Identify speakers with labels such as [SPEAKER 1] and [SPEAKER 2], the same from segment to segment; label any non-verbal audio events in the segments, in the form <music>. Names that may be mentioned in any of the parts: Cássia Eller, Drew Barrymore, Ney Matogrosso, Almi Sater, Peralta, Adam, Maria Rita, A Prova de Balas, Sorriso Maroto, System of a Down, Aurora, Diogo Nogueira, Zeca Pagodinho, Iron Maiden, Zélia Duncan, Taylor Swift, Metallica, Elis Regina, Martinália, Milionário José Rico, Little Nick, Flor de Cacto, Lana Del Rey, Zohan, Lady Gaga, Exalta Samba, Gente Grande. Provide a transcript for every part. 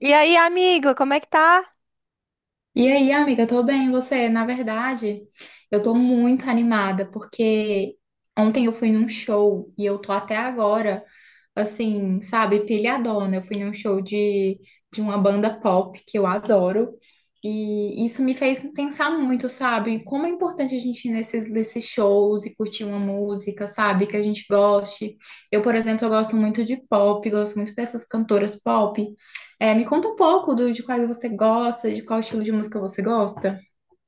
[SPEAKER 1] E aí, amigo, como é que tá?
[SPEAKER 2] E aí, amiga, eu tô bem, e você? Na verdade, eu tô muito animada porque ontem eu fui num show e eu tô até agora, assim, sabe, pilhadona. Eu fui num show de uma banda pop que eu adoro e isso me fez pensar muito, sabe, como é importante a gente ir nesses shows e curtir uma música, sabe, que a gente goste. Eu, por exemplo, eu gosto muito de pop, gosto muito dessas cantoras pop. Me conta um pouco de quais você gosta, de qual estilo de música você gosta.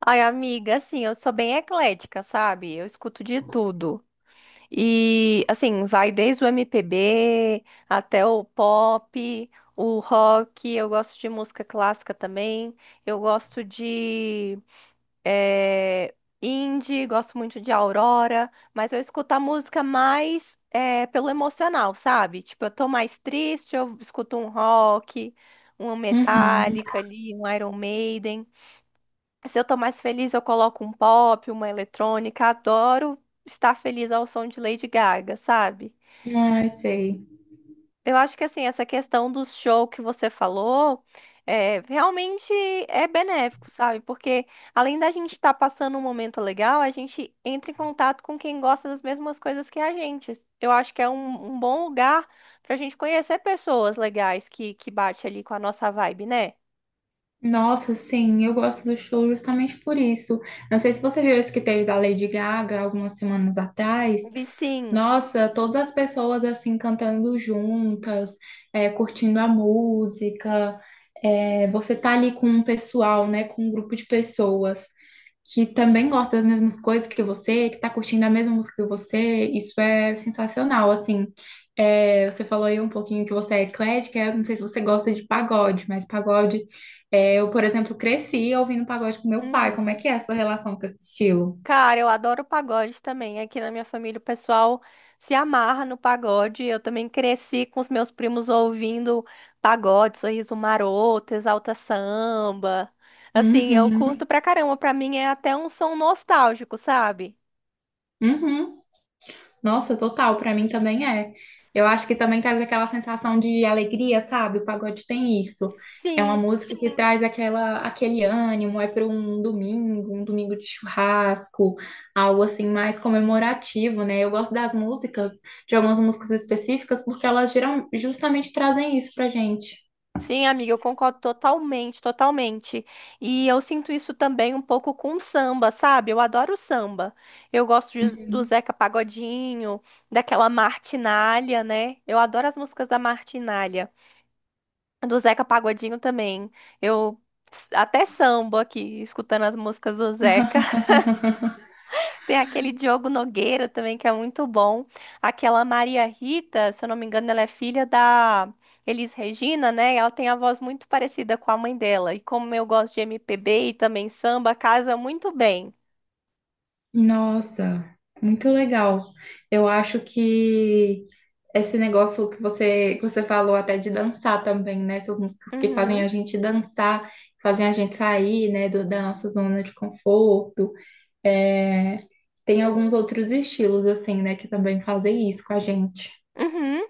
[SPEAKER 1] Ai, amiga, assim, eu sou bem eclética, sabe? Eu escuto de tudo. E, assim, vai desde o MPB até o pop, o rock. Eu gosto de música clássica também. Eu gosto de eh, indie, gosto muito de Aurora. Mas eu escuto a música mais pelo emocional, sabe? Tipo, eu tô mais triste, eu escuto um rock, uma
[SPEAKER 2] Uhum.
[SPEAKER 1] Metallica ali, um Iron Maiden. Se eu tô mais feliz, eu coloco um pop, uma eletrônica. Adoro estar feliz ao som de Lady Gaga, sabe?
[SPEAKER 2] Ai, sei.
[SPEAKER 1] Eu acho que assim, essa questão do show que você falou é, realmente é benéfico, sabe? Porque além da gente estar passando um momento legal, a gente entra em contato com quem gosta das mesmas coisas que a gente. Eu acho que é um, um bom lugar pra gente conhecer pessoas legais que bate ali com a nossa vibe, né?
[SPEAKER 2] Nossa, sim, eu gosto do show justamente por isso. Não sei se você viu esse que teve da Lady Gaga algumas semanas atrás.
[SPEAKER 1] Vi sim.
[SPEAKER 2] Nossa, todas as pessoas assim cantando juntas, curtindo a música, você tá ali com um pessoal, né, com um grupo de pessoas que também gosta das mesmas coisas que você, que tá curtindo a mesma música que você, isso é sensacional, assim. É, você falou aí um pouquinho que você é eclética, eu não sei se você gosta de pagode, mas pagode, eu, por exemplo, cresci ouvindo pagode com meu pai, como é
[SPEAKER 1] Uhum.
[SPEAKER 2] que é a sua relação com esse estilo?
[SPEAKER 1] Cara, eu adoro pagode também. Aqui na minha família o pessoal se amarra no pagode. Eu também cresci com os meus primos ouvindo pagode, Sorriso Maroto, Exalta Samba. Assim, eu
[SPEAKER 2] Uhum,
[SPEAKER 1] curto pra caramba. Pra mim é até um som nostálgico, sabe?
[SPEAKER 2] uhum. Nossa, total, pra mim também é. Eu acho que também traz aquela sensação de alegria, sabe? O pagode tem isso. É uma
[SPEAKER 1] Sim.
[SPEAKER 2] música que traz aquele ânimo, é para um domingo de churrasco, algo assim mais comemorativo, né? Eu gosto das músicas, de algumas músicas específicas, porque elas geram, justamente trazem isso pra gente.
[SPEAKER 1] Sim, amiga, eu concordo totalmente, totalmente. E eu sinto isso também um pouco com o samba, sabe? Eu adoro samba. Eu gosto do Zeca Pagodinho, daquela Martinália, né? Eu adoro as músicas da Martinália. Do Zeca Pagodinho também. Eu até samba aqui, escutando as músicas do Zeca. Tem aquele Diogo Nogueira também, que é muito bom. Aquela Maria Rita, se eu não me engano, ela é filha da Elis Regina, né? Ela tem a voz muito parecida com a mãe dela. E como eu gosto de MPB e também samba, casa muito bem.
[SPEAKER 2] Nossa, muito legal. Eu acho que esse negócio que você falou até de dançar também, né? Essas músicas que fazem
[SPEAKER 1] Uhum.
[SPEAKER 2] a gente dançar, fazem a gente sair, né, da nossa zona de conforto. É, tem alguns outros estilos, assim, né, que também fazem isso com a gente.
[SPEAKER 1] Uhum.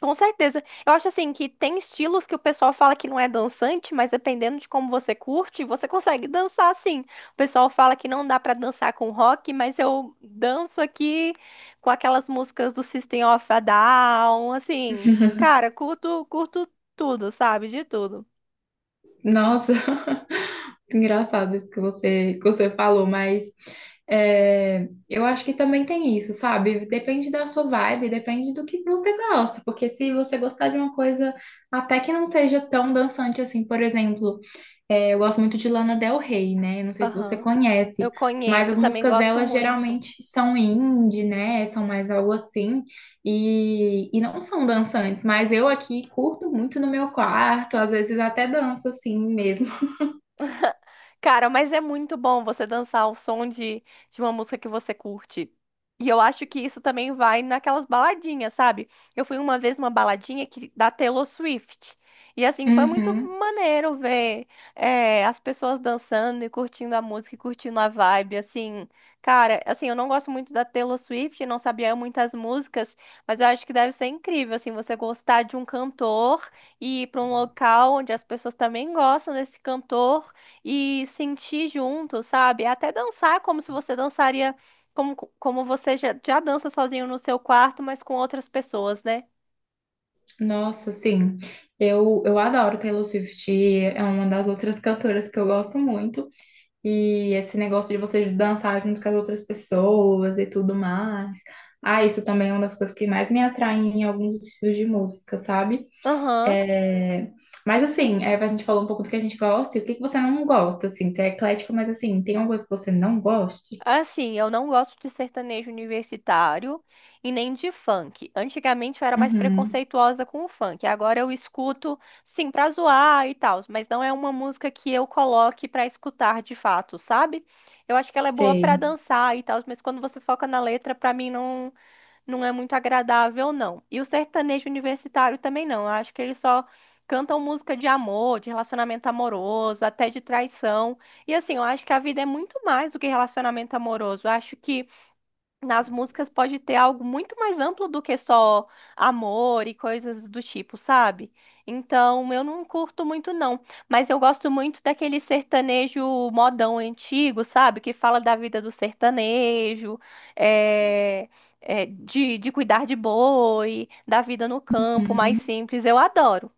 [SPEAKER 1] Com certeza. Eu acho assim que tem estilos que o pessoal fala que não é dançante, mas dependendo de como você curte, você consegue dançar sim. O pessoal fala que não dá pra dançar com rock, mas eu danço aqui com aquelas músicas do System of a Down, assim. Cara, curto, curto tudo, sabe? De tudo.
[SPEAKER 2] Nossa, <laughs> engraçado isso que você falou, mas eu acho que também tem isso, sabe? Depende da sua vibe, depende do que você gosta, porque se você gostar de uma coisa até que não seja tão dançante assim, por exemplo. É, eu gosto muito de Lana Del Rey, né? Não sei se você
[SPEAKER 1] Aham. Eu
[SPEAKER 2] conhece, mas
[SPEAKER 1] conheço,
[SPEAKER 2] as
[SPEAKER 1] também
[SPEAKER 2] músicas
[SPEAKER 1] gosto
[SPEAKER 2] dela
[SPEAKER 1] muito.
[SPEAKER 2] geralmente são indie, né? São mais algo assim. E não são dançantes, mas eu aqui curto muito no meu quarto, às vezes até danço assim mesmo. <laughs>
[SPEAKER 1] Cara, mas é muito bom você dançar o som de uma música que você curte. E eu acho que isso também vai naquelas baladinhas, sabe? Eu fui uma vez numa baladinha que, da Taylor Swift. E assim, foi muito
[SPEAKER 2] Uhum.
[SPEAKER 1] maneiro ver as pessoas dançando e curtindo a música e curtindo a vibe, assim. Cara, assim, eu não gosto muito da Taylor Swift, não sabia muitas músicas, mas eu acho que deve ser incrível, assim, você gostar de um cantor e ir para um local onde as pessoas também gostam desse cantor e sentir junto, sabe? Até dançar como se você dançaria, como, como você já, já dança sozinho no seu quarto, mas com outras pessoas, né?
[SPEAKER 2] Nossa, sim. Eu adoro Taylor Swift, é uma das outras cantoras que eu gosto muito. E esse negócio de você dançar junto com as outras pessoas e tudo mais. Ah, isso também é uma das coisas que mais me atraem em alguns estilos de música, sabe?
[SPEAKER 1] Aham.
[SPEAKER 2] É, Mas assim, a gente falou um pouco do que a gente gosta e o que que você não gosta, assim. Você é eclético, mas assim, tem alguma coisa que você não goste?
[SPEAKER 1] Assim, eu não gosto de sertanejo universitário e nem de funk. Antigamente eu era mais
[SPEAKER 2] Uhum,
[SPEAKER 1] preconceituosa com o funk. Agora eu escuto, sim, pra zoar e tal, mas não é uma música que eu coloque pra escutar de fato, sabe? Eu acho que ela é boa pra
[SPEAKER 2] sei.
[SPEAKER 1] dançar e tal, mas quando você foca na letra, pra mim não é muito agradável, não. E o sertanejo universitário também não. Eu acho que eles só cantam música de amor, de relacionamento amoroso, até de traição. E assim, eu acho que a vida é muito mais do que relacionamento amoroso. Eu acho que nas músicas pode ter algo muito mais amplo do que só amor e coisas do tipo, sabe? Então, eu não curto muito, não. Mas eu gosto muito daquele sertanejo modão antigo, sabe? Que fala da vida do sertanejo, é, de cuidar de boi, da vida no campo, mais
[SPEAKER 2] Uhum.
[SPEAKER 1] simples. Eu adoro.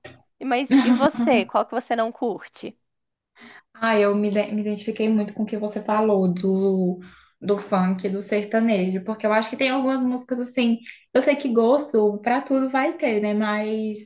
[SPEAKER 1] Mas e você? Qual que você não curte?
[SPEAKER 2] Ah, me identifiquei muito com o que você falou do funk, do sertanejo, porque eu acho que tem algumas músicas assim. Eu sei que gosto pra tudo vai ter, né? Mas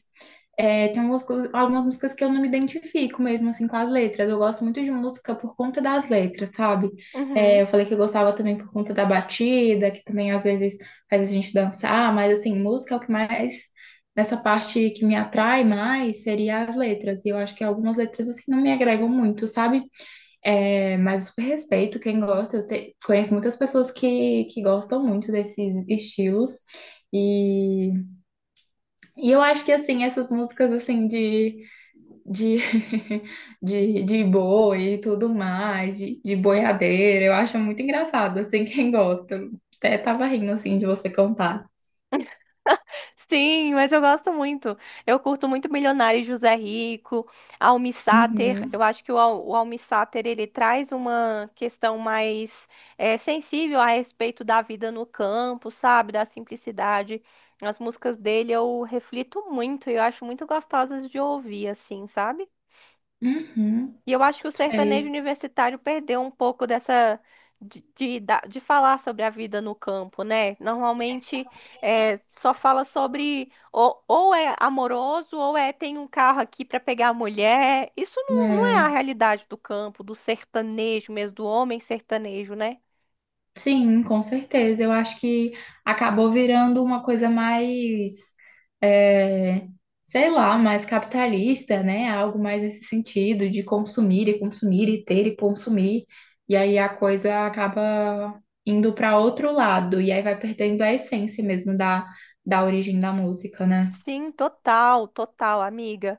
[SPEAKER 2] tem algumas, algumas músicas que eu não me identifico mesmo assim com as letras. Eu gosto muito de música por conta das letras, sabe?
[SPEAKER 1] Uhum.
[SPEAKER 2] Eu falei que eu gostava também por conta da batida, que também às vezes faz a gente dançar, mas assim, música é o que mais nessa parte que me atrai mais seria as letras. E eu acho que algumas letras assim não me agregam muito, sabe? É, mas eu super respeito quem gosta. Conheço muitas pessoas que gostam muito desses estilos. E, e eu acho que assim, essas músicas assim de, <laughs> de boi e tudo mais, de boiadeira, eu acho muito engraçado, assim, quem gosta. Eu até tava rindo assim de você contar.
[SPEAKER 1] Sim, mas eu gosto muito. Eu curto muito Milionário José Rico, Almi Sater. Eu
[SPEAKER 2] Uhum,
[SPEAKER 1] acho que o Almi Sater, ele traz uma questão mais sensível a respeito da vida no campo, sabe? Da simplicidade. As músicas dele eu reflito muito e eu acho muito gostosas de ouvir, assim, sabe?
[SPEAKER 2] uhum,
[SPEAKER 1] E eu acho que o sertanejo
[SPEAKER 2] sei.
[SPEAKER 1] universitário perdeu um pouco dessa de falar sobre a vida no campo, né? Normalmente é, só fala sobre ou é amoroso ou é tem um carro aqui para pegar a mulher. Isso não, não é a
[SPEAKER 2] É.
[SPEAKER 1] realidade do campo, do sertanejo mesmo, do homem sertanejo, né?
[SPEAKER 2] Sim, com certeza. Eu acho que acabou virando uma coisa mais, é, sei lá, mais capitalista, né? Algo mais nesse sentido de consumir e consumir e ter e consumir. E aí a coisa acaba indo para outro lado. E aí vai perdendo a essência mesmo da origem da música, né?
[SPEAKER 1] Sim, total, total, amiga.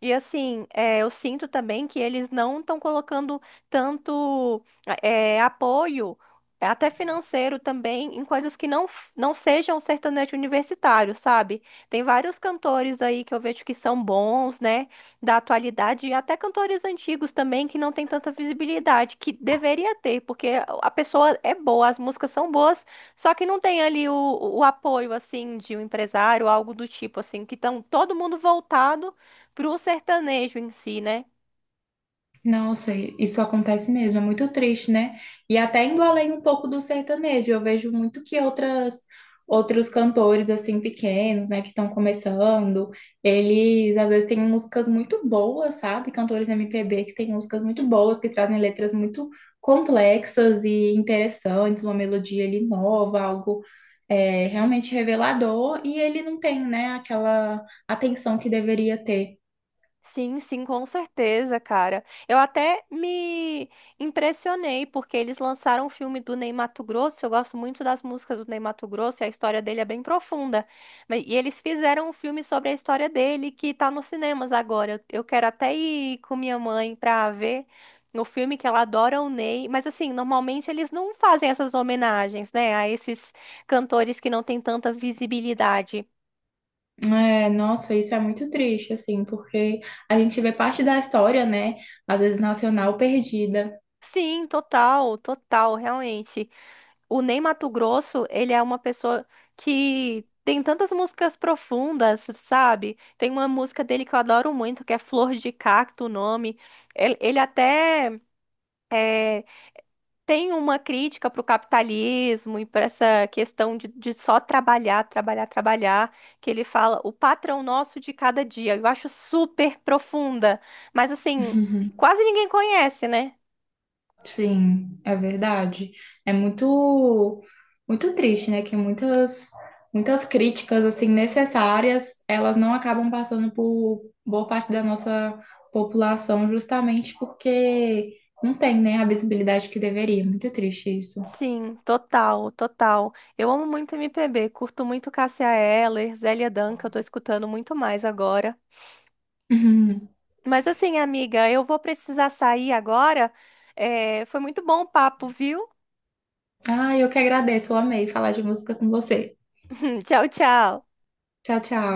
[SPEAKER 1] E assim, eu sinto também que eles não estão colocando tanto apoio, até financeiro também, em coisas que não, não sejam sertanejo universitário, sabe? Tem vários cantores aí que eu vejo que são bons, né, da atualidade, e até cantores antigos também que não têm tanta visibilidade, que deveria ter, porque a pessoa é boa, as músicas são boas, só que não tem ali o apoio, assim, de um empresário, algo do tipo, assim, que estão todo mundo voltado pro sertanejo em si, né?
[SPEAKER 2] Nossa, isso acontece mesmo, é muito triste, né? E até indo além um pouco do sertanejo, eu vejo muito que outras outros cantores assim pequenos, né, que estão começando, eles às vezes têm músicas muito boas, sabe? Cantores MPB que têm músicas muito boas, que trazem letras muito complexas e interessantes, uma melodia ali nova, algo realmente revelador, e ele não tem, né, aquela atenção que deveria ter.
[SPEAKER 1] Sim, sim, com certeza, cara. Eu até me impressionei porque eles lançaram o filme do Ney Matogrosso. Eu gosto muito das músicas do Ney Matogrosso e a história dele é bem profunda. E eles fizeram um filme sobre a história dele que tá nos cinemas agora. Eu quero até ir com minha mãe pra ver no filme que ela adora o Ney. Mas assim, normalmente eles não fazem essas homenagens, né, a esses cantores que não têm tanta visibilidade.
[SPEAKER 2] É, nossa, isso é muito triste, assim, porque a gente vê parte da história, né? Às vezes nacional perdida. <laughs>
[SPEAKER 1] Sim, total, total, realmente. O Ney Matogrosso, ele é uma pessoa que tem tantas músicas profundas, sabe? Tem uma música dele que eu adoro muito, que é Flor de Cacto, o nome. Ele até é, tem uma crítica pro capitalismo e para essa questão de só trabalhar, trabalhar, trabalhar, que ele fala o patrão nosso de cada dia. Eu acho super profunda, mas assim,
[SPEAKER 2] Uhum.
[SPEAKER 1] quase ninguém conhece, né?
[SPEAKER 2] Sim, é verdade. É muito, muito triste, né? Que muitas, muitas críticas, assim, necessárias, elas não acabam passando por boa parte da nossa população, justamente porque não tem, né, a visibilidade que deveria. Muito triste isso.
[SPEAKER 1] Sim, total, total. Eu amo muito MPB, curto muito Cássia Eller, Zélia Duncan, eu tô escutando muito mais agora.
[SPEAKER 2] Uhum.
[SPEAKER 1] Mas assim, amiga, eu vou precisar sair agora. É, foi muito bom o papo, viu?
[SPEAKER 2] Ah, eu que agradeço, eu amei falar de música com você.
[SPEAKER 1] <laughs> Tchau, tchau.
[SPEAKER 2] Tchau, tchau.